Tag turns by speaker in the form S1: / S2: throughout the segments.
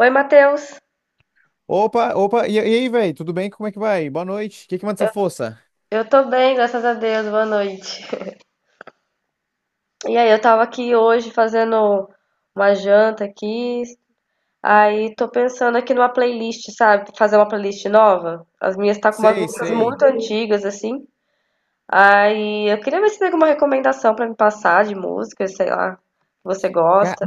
S1: Oi, Matheus.
S2: Opa, e aí, velho? Tudo bem? Como é que vai? Boa noite. O que que manda essa força?
S1: Eu tô bem, graças a Deus. Boa noite. E aí, eu tava aqui hoje fazendo uma janta aqui. Aí tô pensando aqui numa playlist, sabe? Fazer uma playlist nova. As minhas tá com umas
S2: Sei,
S1: músicas
S2: sei.
S1: muito antigas assim. Aí eu queria ver se tem alguma recomendação pra me passar de música, sei lá, que você
S2: Ca-
S1: gosta.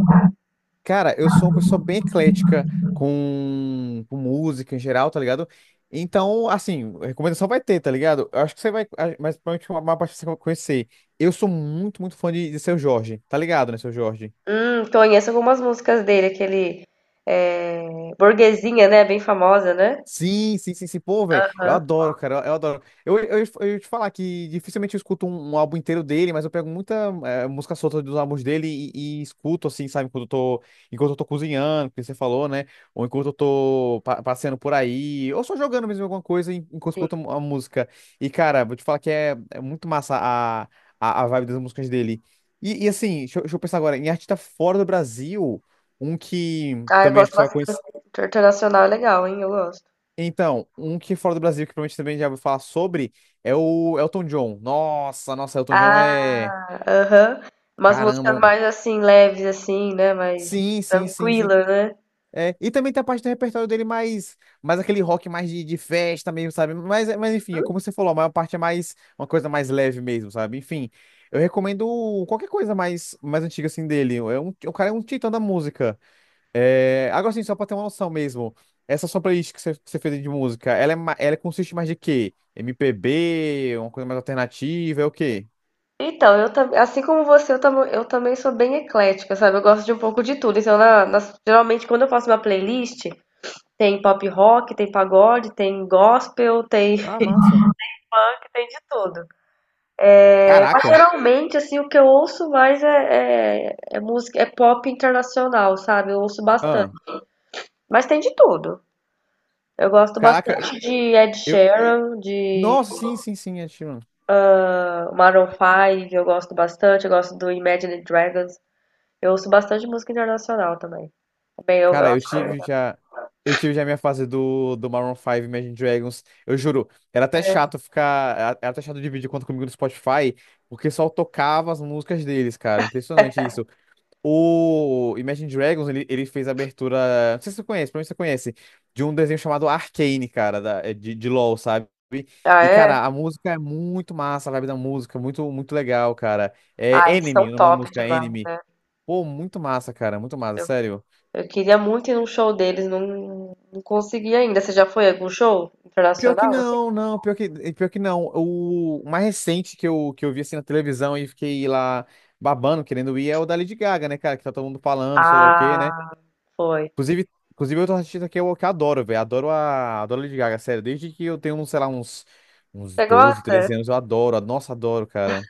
S2: Cara, eu sou uma pessoa bem eclética com música em geral, tá ligado? Então, assim, recomendação vai ter, tá ligado? Eu acho que você vai, mas provavelmente uma parte você vai conhecer. Eu sou muito fã de Seu Jorge, tá ligado, né, Seu Jorge?
S1: Conheço algumas músicas dele, aquele é, Burguesinha, né? Bem famosa, né?
S2: Sim, sim, sim, sim. Pô, velho, eu
S1: Aham,
S2: adoro, cara, eu adoro. Eu ia te falar que dificilmente eu escuto um álbum inteiro dele, mas eu pego muita música solta dos álbuns dele e escuto, assim, sabe, quando eu tô, enquanto eu tô cozinhando, que você falou, né? Ou enquanto eu tô passeando por aí, ou só jogando mesmo alguma coisa enquanto eu
S1: sim.
S2: escuto a música. E, cara, vou te falar que é muito massa a vibe das músicas dele. E assim, deixa eu pensar agora, em artista fora do Brasil, um que
S1: Ah, eu
S2: também acho
S1: gosto
S2: que você vai
S1: bastante.
S2: conhecer.
S1: Internacional é legal, hein? Eu gosto.
S2: Então, um que fora do Brasil, que provavelmente também já ouviu falar sobre, é o Elton John. Nossa, nossa, Elton John
S1: Ah,
S2: é.
S1: aham. Umas
S2: Caramba.
S1: músicas mais assim, leves, assim, né? Mais
S2: Sim, sim, sim, sim.
S1: tranquila, né?
S2: É, e também tem a parte do repertório dele mais aquele rock mais de festa mesmo, sabe? Mas enfim, é como você falou, a maior parte é mais uma coisa mais leve mesmo, sabe? Enfim, eu recomendo qualquer coisa mais antiga assim dele. É um, o cara é um titã da música. É, agora sim, só pra ter uma noção mesmo, essa sua playlist que você fez de música, ela, ela consiste mais de quê? MPB, uma coisa mais alternativa, é o quê?
S1: Então, eu também, assim como você, eu também sou bem eclética, sabe? Eu gosto de um pouco de tudo. Então, geralmente, quando eu faço uma playlist, tem pop rock, tem pagode, tem gospel, tem
S2: Ah, massa.
S1: funk, tem de tudo. Mas,
S2: Caraca.
S1: geralmente, assim, o que eu ouço mais é música, é pop internacional, sabe? Eu ouço bastante.
S2: Ah,
S1: Mas tem de tudo. Eu gosto
S2: caraca,
S1: bastante de Ed
S2: eu...
S1: Sheeran, de
S2: Nossa, sim, sim, sim, é, Sheeran.
S1: Maroon 5 eu gosto bastante, eu gosto do Imagine Dragons. Eu ouço bastante música internacional também. Bem, eu
S2: Cara,
S1: acho bem legal.
S2: Eu tive já a minha fase do Maroon 5 Imagine Dragons. Eu juro, Era até chato dividir conta comigo no Spotify, porque só tocava as músicas deles, cara. Impressionante isso. O Imagine Dragons, ele fez a abertura. Não sei se você conhece, provavelmente você conhece. De um desenho chamado Arcane, cara, de LoL, sabe?
S1: Ah,
S2: E,
S1: é?
S2: cara, a música é muito massa, a vibe da música, muito legal, cara.
S1: Ah,
S2: É
S1: eles são
S2: Enemy, o nome da
S1: top
S2: música, é
S1: demais.
S2: Enemy. Pô, muito massa, cara, muito massa, sério.
S1: Eu queria muito ir num show deles, não consegui ainda. Você já foi a algum show
S2: Pior que
S1: internacional, assim?
S2: não, não, pior que não. O mais recente que eu vi assim na televisão e fiquei lá babando, querendo ir, é o da Lady Gaga, né, cara? Que tá todo mundo falando, sei lá o quê, né?
S1: Ah, foi.
S2: Inclusive outro artista que eu que adoro, velho. Adoro adoro a Lady Gaga, sério. Desde que eu tenho, sei lá, uns, uns
S1: Você
S2: 12
S1: gosta?
S2: 13 anos, eu adoro. Nossa, adoro, cara.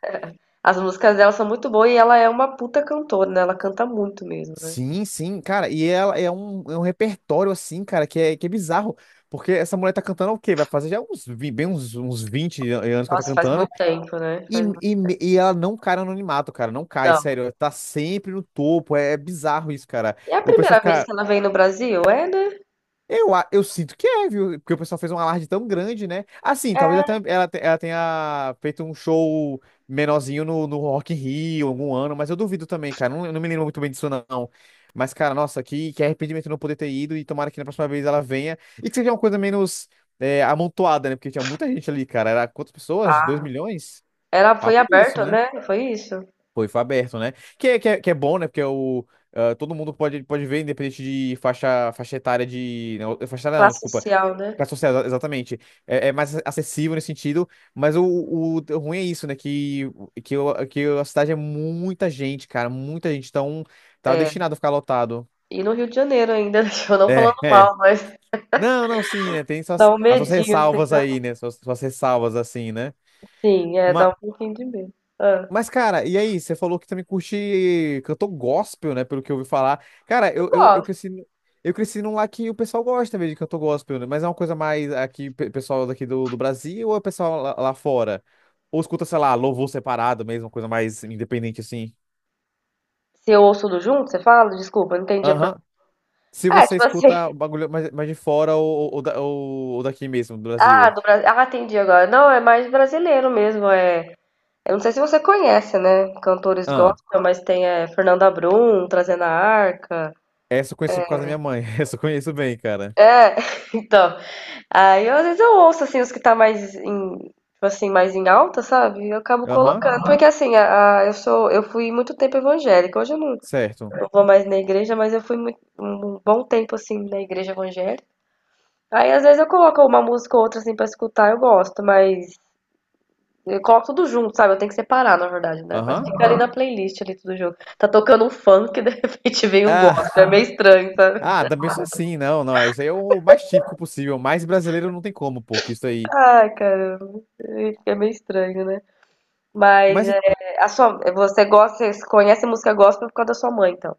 S1: As músicas dela são muito boas e ela é uma puta cantora, né? Ela canta muito mesmo, né?
S2: Sim, sim, cara. E ela
S1: Nossa,
S2: é um repertório, assim, cara, que é bizarro. Porque essa mulher tá cantando o quê? Vai fazer já uns, bem uns, uns 20 anos que ela tá
S1: nossa, faz muito
S2: cantando.
S1: tempo, né?
S2: E,
S1: Faz muito...
S2: e, me- e ela não cai no anonimato, cara. Não cai,
S1: Não.
S2: sério. Ela tá sempre no topo. É, é bizarro isso, cara.
S1: E é a
S2: O pessoal
S1: primeira vez
S2: fica.
S1: que ela vem no Brasil? É, né?
S2: Eu sinto que é, viu? Porque o pessoal fez um alarde tão grande, né? Assim, talvez até ela tenha feito um show menorzinho no Rock in Rio algum ano, mas eu duvido também, cara. Não, eu não me lembro muito bem disso, não. Mas, cara, nossa, que arrependimento não poder ter ido e tomara que na próxima vez ela venha. E que seja uma coisa menos amontoada, né? Porque tinha muita gente ali, cara. Era quantas pessoas? Dois milhões?
S1: Era Foi
S2: Papo disso,
S1: aberto,
S2: né?
S1: né, foi isso?
S2: Foi, foi aberto, né? Que é bom, né? Porque é o, ah, todo mundo pode, pode ver, independente de faixa etária de. Não, faixa etária não,
S1: Classe
S2: desculpa.
S1: social, né.
S2: Classe social, exatamente. É, é mais acessível nesse sentido, mas o ruim é isso, né? Que a cidade é muita gente, cara, muita gente. Então, tá destinado a ficar lotado.
S1: E no Rio de Janeiro ainda, eu não
S2: É,
S1: falando
S2: é.
S1: mal, mas
S2: Não, não, sim, né? Tem suas,
S1: dá um
S2: as suas
S1: medinho assim,
S2: ressalvas
S1: né.
S2: aí, né? Suas, suas ressalvas, assim, né?
S1: Sim, é, dá um pouquinho de medo. Hã.
S2: Mas, cara, e aí? Você falou que também curte cantor gospel, né? Pelo que eu ouvi falar. Cara,
S1: Eu
S2: eu
S1: gosto.
S2: cresci, eu cresci num lá que o pessoal gosta mesmo de cantor gospel, né? Mas é uma coisa mais aqui, pessoal daqui do Brasil ou é pessoal lá, lá fora? Ou escuta, sei lá, louvor separado mesmo, uma coisa mais independente assim?
S1: Se eu ouço tudo junto, você fala? Desculpa, eu não entendi a
S2: Aham.
S1: pergunta.
S2: Se
S1: É,
S2: você
S1: tipo assim
S2: escuta o bagulho mais, mais de fora ou, ou daqui mesmo, do
S1: ah,
S2: Brasil.
S1: do Brasil ah, entendi agora. Não, é mais brasileiro mesmo. Eu não sei se você conhece, né, cantores
S2: Ah,
S1: gospel, mas tem, Fernanda Brum, Trazendo a Arca.
S2: essa eu conheço por causa da minha mãe. Essa eu conheço bem, cara.
S1: É, então. Aí às vezes eu ouço assim os que tá mais em, tipo assim, mais em alta, sabe? E eu acabo
S2: Aham,
S1: colocando. Porque assim, eu fui muito tempo evangélica. Hoje eu não,
S2: certo.
S1: não vou mais na igreja, mas eu fui muito, um bom tempo assim na igreja evangélica. Aí às vezes eu coloco uma música ou outra assim pra escutar, eu gosto, mas eu coloco tudo junto, sabe? Eu tenho que separar, na verdade, né? Mas
S2: Aham.
S1: fica ali na playlist ali tudo junto. Tá tocando um funk, de repente vem um
S2: Ah,
S1: gospel. É meio estranho, sabe?
S2: Também sou assim, não, não. Isso aí é o mais típico possível. Mais brasileiro não tem como, pô, que isso aí.
S1: Ai, caramba. É meio estranho, né? Mas
S2: Mas
S1: é, você gosta, você conhece música gospel por causa da sua mãe, então.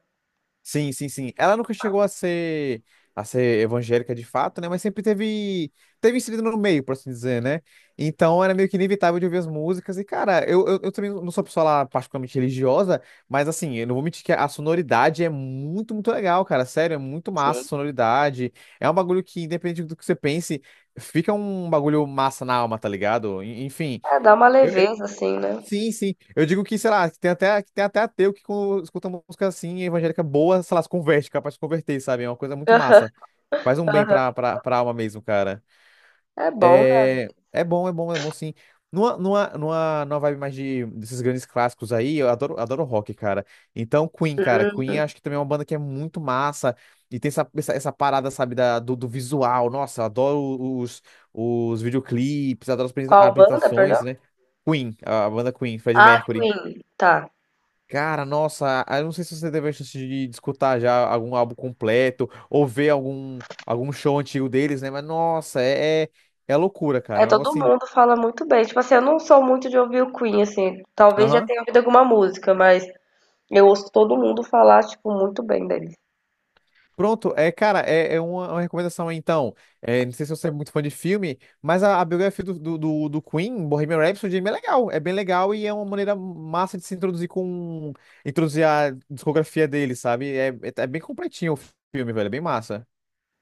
S2: sim, sim, sim. Ela nunca chegou a ser evangélica de fato, né? Mas sempre teve inserido no meio, por assim dizer, né? Então era meio que inevitável de ouvir as músicas. E, cara, eu também não sou uma pessoa lá particularmente religiosa, mas assim, eu não vou mentir que a sonoridade é muito legal, cara. Sério, é muito massa a
S1: Sim.
S2: sonoridade. É um bagulho que, independente do que você pense, fica um bagulho massa na alma, tá ligado? Enfim.
S1: É, dá uma leveza, assim, né?
S2: Sim, sim. Eu digo que, sei lá, que tem até ateu que quando escuta música assim, evangélica boa, sei lá, se converte, capaz de se converter, sabe? É uma coisa muito massa. Faz um bem
S1: Aham.
S2: pra alma mesmo, cara.
S1: É bom, né?
S2: É, é bom, é bom, é bom sim. Numa vibe mais de, desses grandes clássicos aí, eu adoro, adoro rock, cara. Então, Queen, cara.
S1: Hum.
S2: Queen acho que também é uma banda que é muito massa. E tem essa parada, sabe, do visual. Nossa, eu adoro os videoclipes, adoro as
S1: Qual banda,
S2: apresentações,
S1: perdão?
S2: né? Queen, a banda Queen, Freddie
S1: Ah,
S2: Mercury.
S1: Queen. Tá.
S2: Cara, nossa, eu não sei se você teve a chance de escutar já algum álbum completo ou ver algum, algum show antigo deles, né? Mas nossa, é loucura,
S1: É,
S2: cara. É um
S1: todo
S2: negócio assim.
S1: mundo fala muito bem. Tipo assim, eu não sou muito de ouvir o Queen, assim. Talvez já
S2: Aham.
S1: tenha ouvido alguma música, mas eu ouço todo mundo falar, tipo, muito bem deles.
S2: Pronto, é, cara, é uma recomendação aí, então. É, não sei se você é muito fã de filme, mas a biografia do Queen, Bohemian Rhapsody, é bem legal. É bem legal e é uma maneira massa de se introduzir com. Introduzir a discografia dele, sabe? É bem completinho o filme, velho. É bem massa.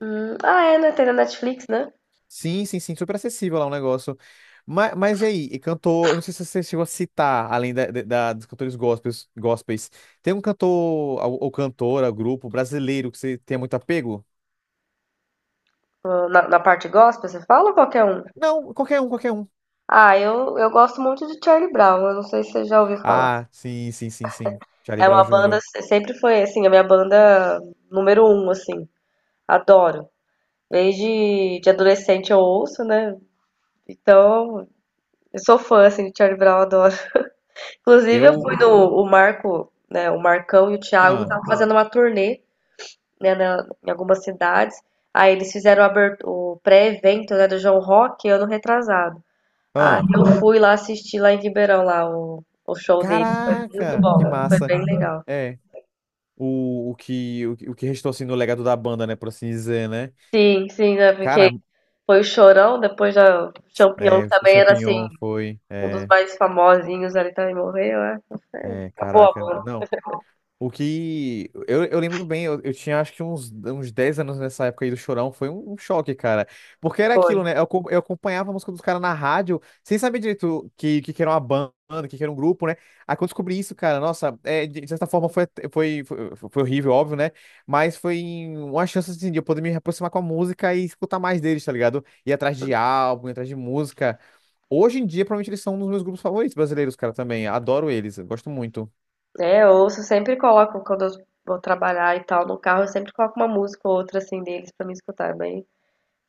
S1: Ah, é, né? Tem na Netflix, né?
S2: Sim, sim, sim, super acessível lá o negócio. Mas e aí, e cantor, eu não sei se você chegou a citar, além dos cantores gospels, gospels, tem um cantor ou cantora, grupo brasileiro que você tenha muito apego?
S1: Na parte gospel, você fala ou qualquer um?
S2: Não, qualquer um, qualquer um.
S1: Ah, eu gosto muito de Charlie Brown. Eu não sei se você já ouviu falar.
S2: Ah, sim, sim, sim, sim. Charlie
S1: É
S2: Brown
S1: uma banda,
S2: Jr.
S1: sempre foi assim, a minha banda número um, assim. Adoro. Desde de adolescente eu ouço, né? Então, eu sou fã, assim, de Charlie Brown, adoro. Inclusive, eu
S2: Eu.
S1: fui no o Marco, né? O Marcão e o Thiago
S2: Ah,
S1: estavam fazendo uma turnê, né, em algumas cidades. Aí eles fizeram o pré-evento, né, do João Rock ano retrasado. Aí
S2: ah.
S1: eu fui lá assistir lá em Ribeirão, lá, o show deles. Foi muito
S2: Caraca,
S1: bom,
S2: que
S1: foi
S2: massa.
S1: bem legal.
S2: É, o que restou assim no legado da banda, né, por assim dizer, né?
S1: Sim, sim, né? Porque
S2: Cara,
S1: foi o Chorão, depois já o Champião
S2: é,
S1: que
S2: o
S1: também era assim,
S2: Champignon foi.
S1: um dos
S2: É,
S1: mais famosinhos ali também morreu, é.
S2: é,
S1: Acabou a
S2: caraca.
S1: banda,
S2: Não. O que. Eu lembro bem, eu tinha acho que uns, uns 10 anos nessa época aí do Chorão, foi um, um choque, cara. Porque era
S1: foi.
S2: aquilo, né? Eu acompanhava a música dos caras na rádio, sem saber direito que era uma banda, que era um grupo, né? Aí quando eu descobri isso, cara, nossa, é, de certa forma foi, foi horrível, óbvio, né? Mas foi uma chance, assim, de eu poder me aproximar com a música e escutar mais deles, tá ligado? Ir atrás de álbum, ir atrás de música. Hoje em dia, provavelmente eles são um dos meus grupos favoritos brasileiros, cara, também. Adoro eles, eu gosto muito.
S1: É, eu ouço, sempre coloco quando eu vou trabalhar e tal no carro, eu sempre coloco uma música ou outra assim deles pra me escutar, é bem.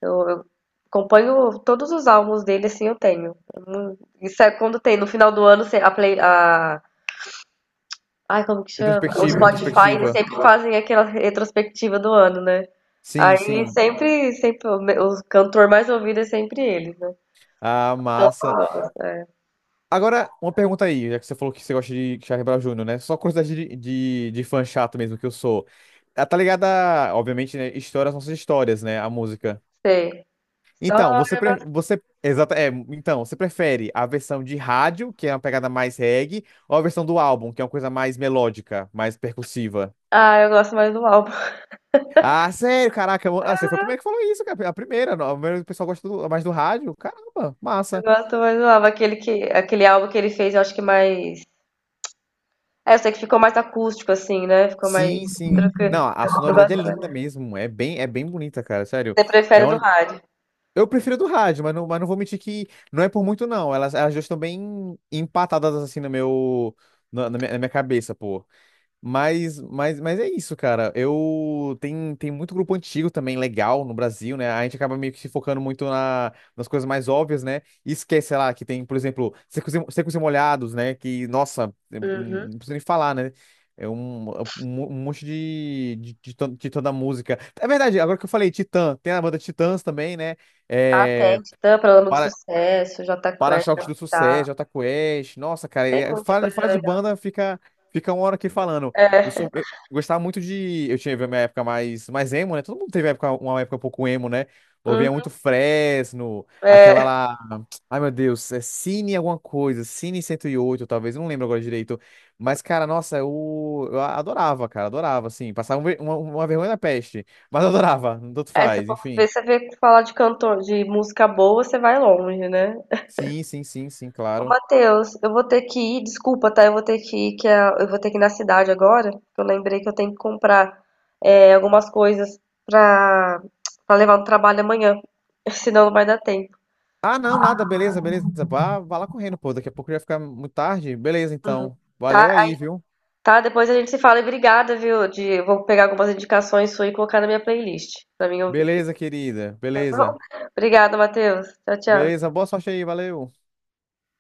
S1: Eu acompanho todos os álbuns dele, assim, eu tenho. Isso é quando tem no final do ano, se- a play, a ai, como que chama? O
S2: Retrospectiva,
S1: Spotify, eles
S2: retrospectiva.
S1: sempre fazem aquela retrospectiva do ano, né?
S2: Sim,
S1: Aí
S2: sim.
S1: sempre o cantor mais ouvido é sempre ele, né?
S2: Ah, massa.
S1: Total, é.
S2: Agora, uma pergunta aí, já que você falou que você gosta de Charlie Brown Jr., né? Só curiosidade de fã chato mesmo que eu sou. Ah, tá ligada, a, obviamente, né? Histórias, nossas histórias, né? A música.
S1: Sei.
S2: Então,
S1: História,
S2: você,
S1: mas...
S2: pre- você, exata, é, então, você prefere a versão de rádio, que é uma pegada mais reggae, ou a versão do álbum, que é uma coisa mais melódica, mais percussiva?
S1: Ah, eu gosto mais do álbum.
S2: Ah, sério, caraca, você foi o primeiro que falou isso, cara. A primeira, não, a primeira, o pessoal gosta mais do rádio. Caramba,
S1: Eu
S2: massa.
S1: gosto mais do álbum. Aquele álbum que ele fez, eu acho que mais. É, eu sei que ficou mais acústico, assim, né? Ficou mais
S2: Sim, sim.
S1: tranquilo.
S2: Não, a
S1: Eu
S2: sonoridade é
S1: gosto mais.
S2: linda mesmo. É bem bonita, cara. Sério.
S1: Você
S2: É
S1: prefere do
S2: uma...
S1: rádio?
S2: Eu prefiro a do rádio, mas não vou mentir que não é por muito, não. Elas duas estão bem empatadas assim no meu, na minha cabeça, pô. Mas é isso, cara. Tem muito grupo antigo também legal no Brasil, né? A gente acaba meio que se focando muito nas coisas mais óbvias, né? E esquece, sei lá, que tem, por exemplo, Secos e Molhados, né? Que, nossa,
S1: Uhum.
S2: não precisa nem falar, né? É um, um monte titã da música. É verdade, agora que eu falei Titã, tem a banda Titãs também, né?
S1: Ah, tem.
S2: É,
S1: Titã, Paralama do Sucesso, Jota Quest,
S2: para-choques do
S1: Capital.
S2: Sucesso, Jota Quest. Nossa, cara,
S1: Tem muita coisa
S2: fala de
S1: legal.
S2: banda, fica uma hora aqui falando.
S1: É,
S2: Eu gostava muito de. Eu tinha minha época mais emo, né? Todo mundo teve época, uma época um pouco emo, né? Ouvia
S1: uhum,
S2: muito Fresno, aquela
S1: é.
S2: lá. Ai, meu Deus, é Cine alguma coisa, Cine 108 talvez, eu não lembro agora direito. Mas, cara, nossa, eu adorava, cara, adorava, assim. Passava uma vergonha da peste, mas eu adorava, tanto
S1: É, se
S2: faz,
S1: for
S2: enfim.
S1: ver, você vê que falar de cantor, de música boa, você vai longe, né?
S2: Sim, sim, sim, sim,
S1: Ô,
S2: claro.
S1: Matheus, eu vou ter que ir, desculpa, tá? Eu vou ter que ir, eu vou ter que ir na cidade agora, que eu lembrei que eu tenho que comprar algumas coisas pra, pra levar no trabalho amanhã, senão não vai dar tempo.
S2: Ah, não, nada, beleza, beleza. Vá, vá lá correndo, pô. Daqui a pouco já vai ficar muito tarde. Beleza,
S1: Uhum.
S2: então.
S1: Tá?
S2: Valeu aí, viu?
S1: Tá, depois a gente se fala e obrigada, viu? Eu vou pegar algumas indicações suas e colocar na minha playlist pra mim ouvir,
S2: Beleza, querida.
S1: tá bom?
S2: Beleza.
S1: Obrigada, Matheus. Tchau, tchau.
S2: Beleza, boa sorte aí, valeu.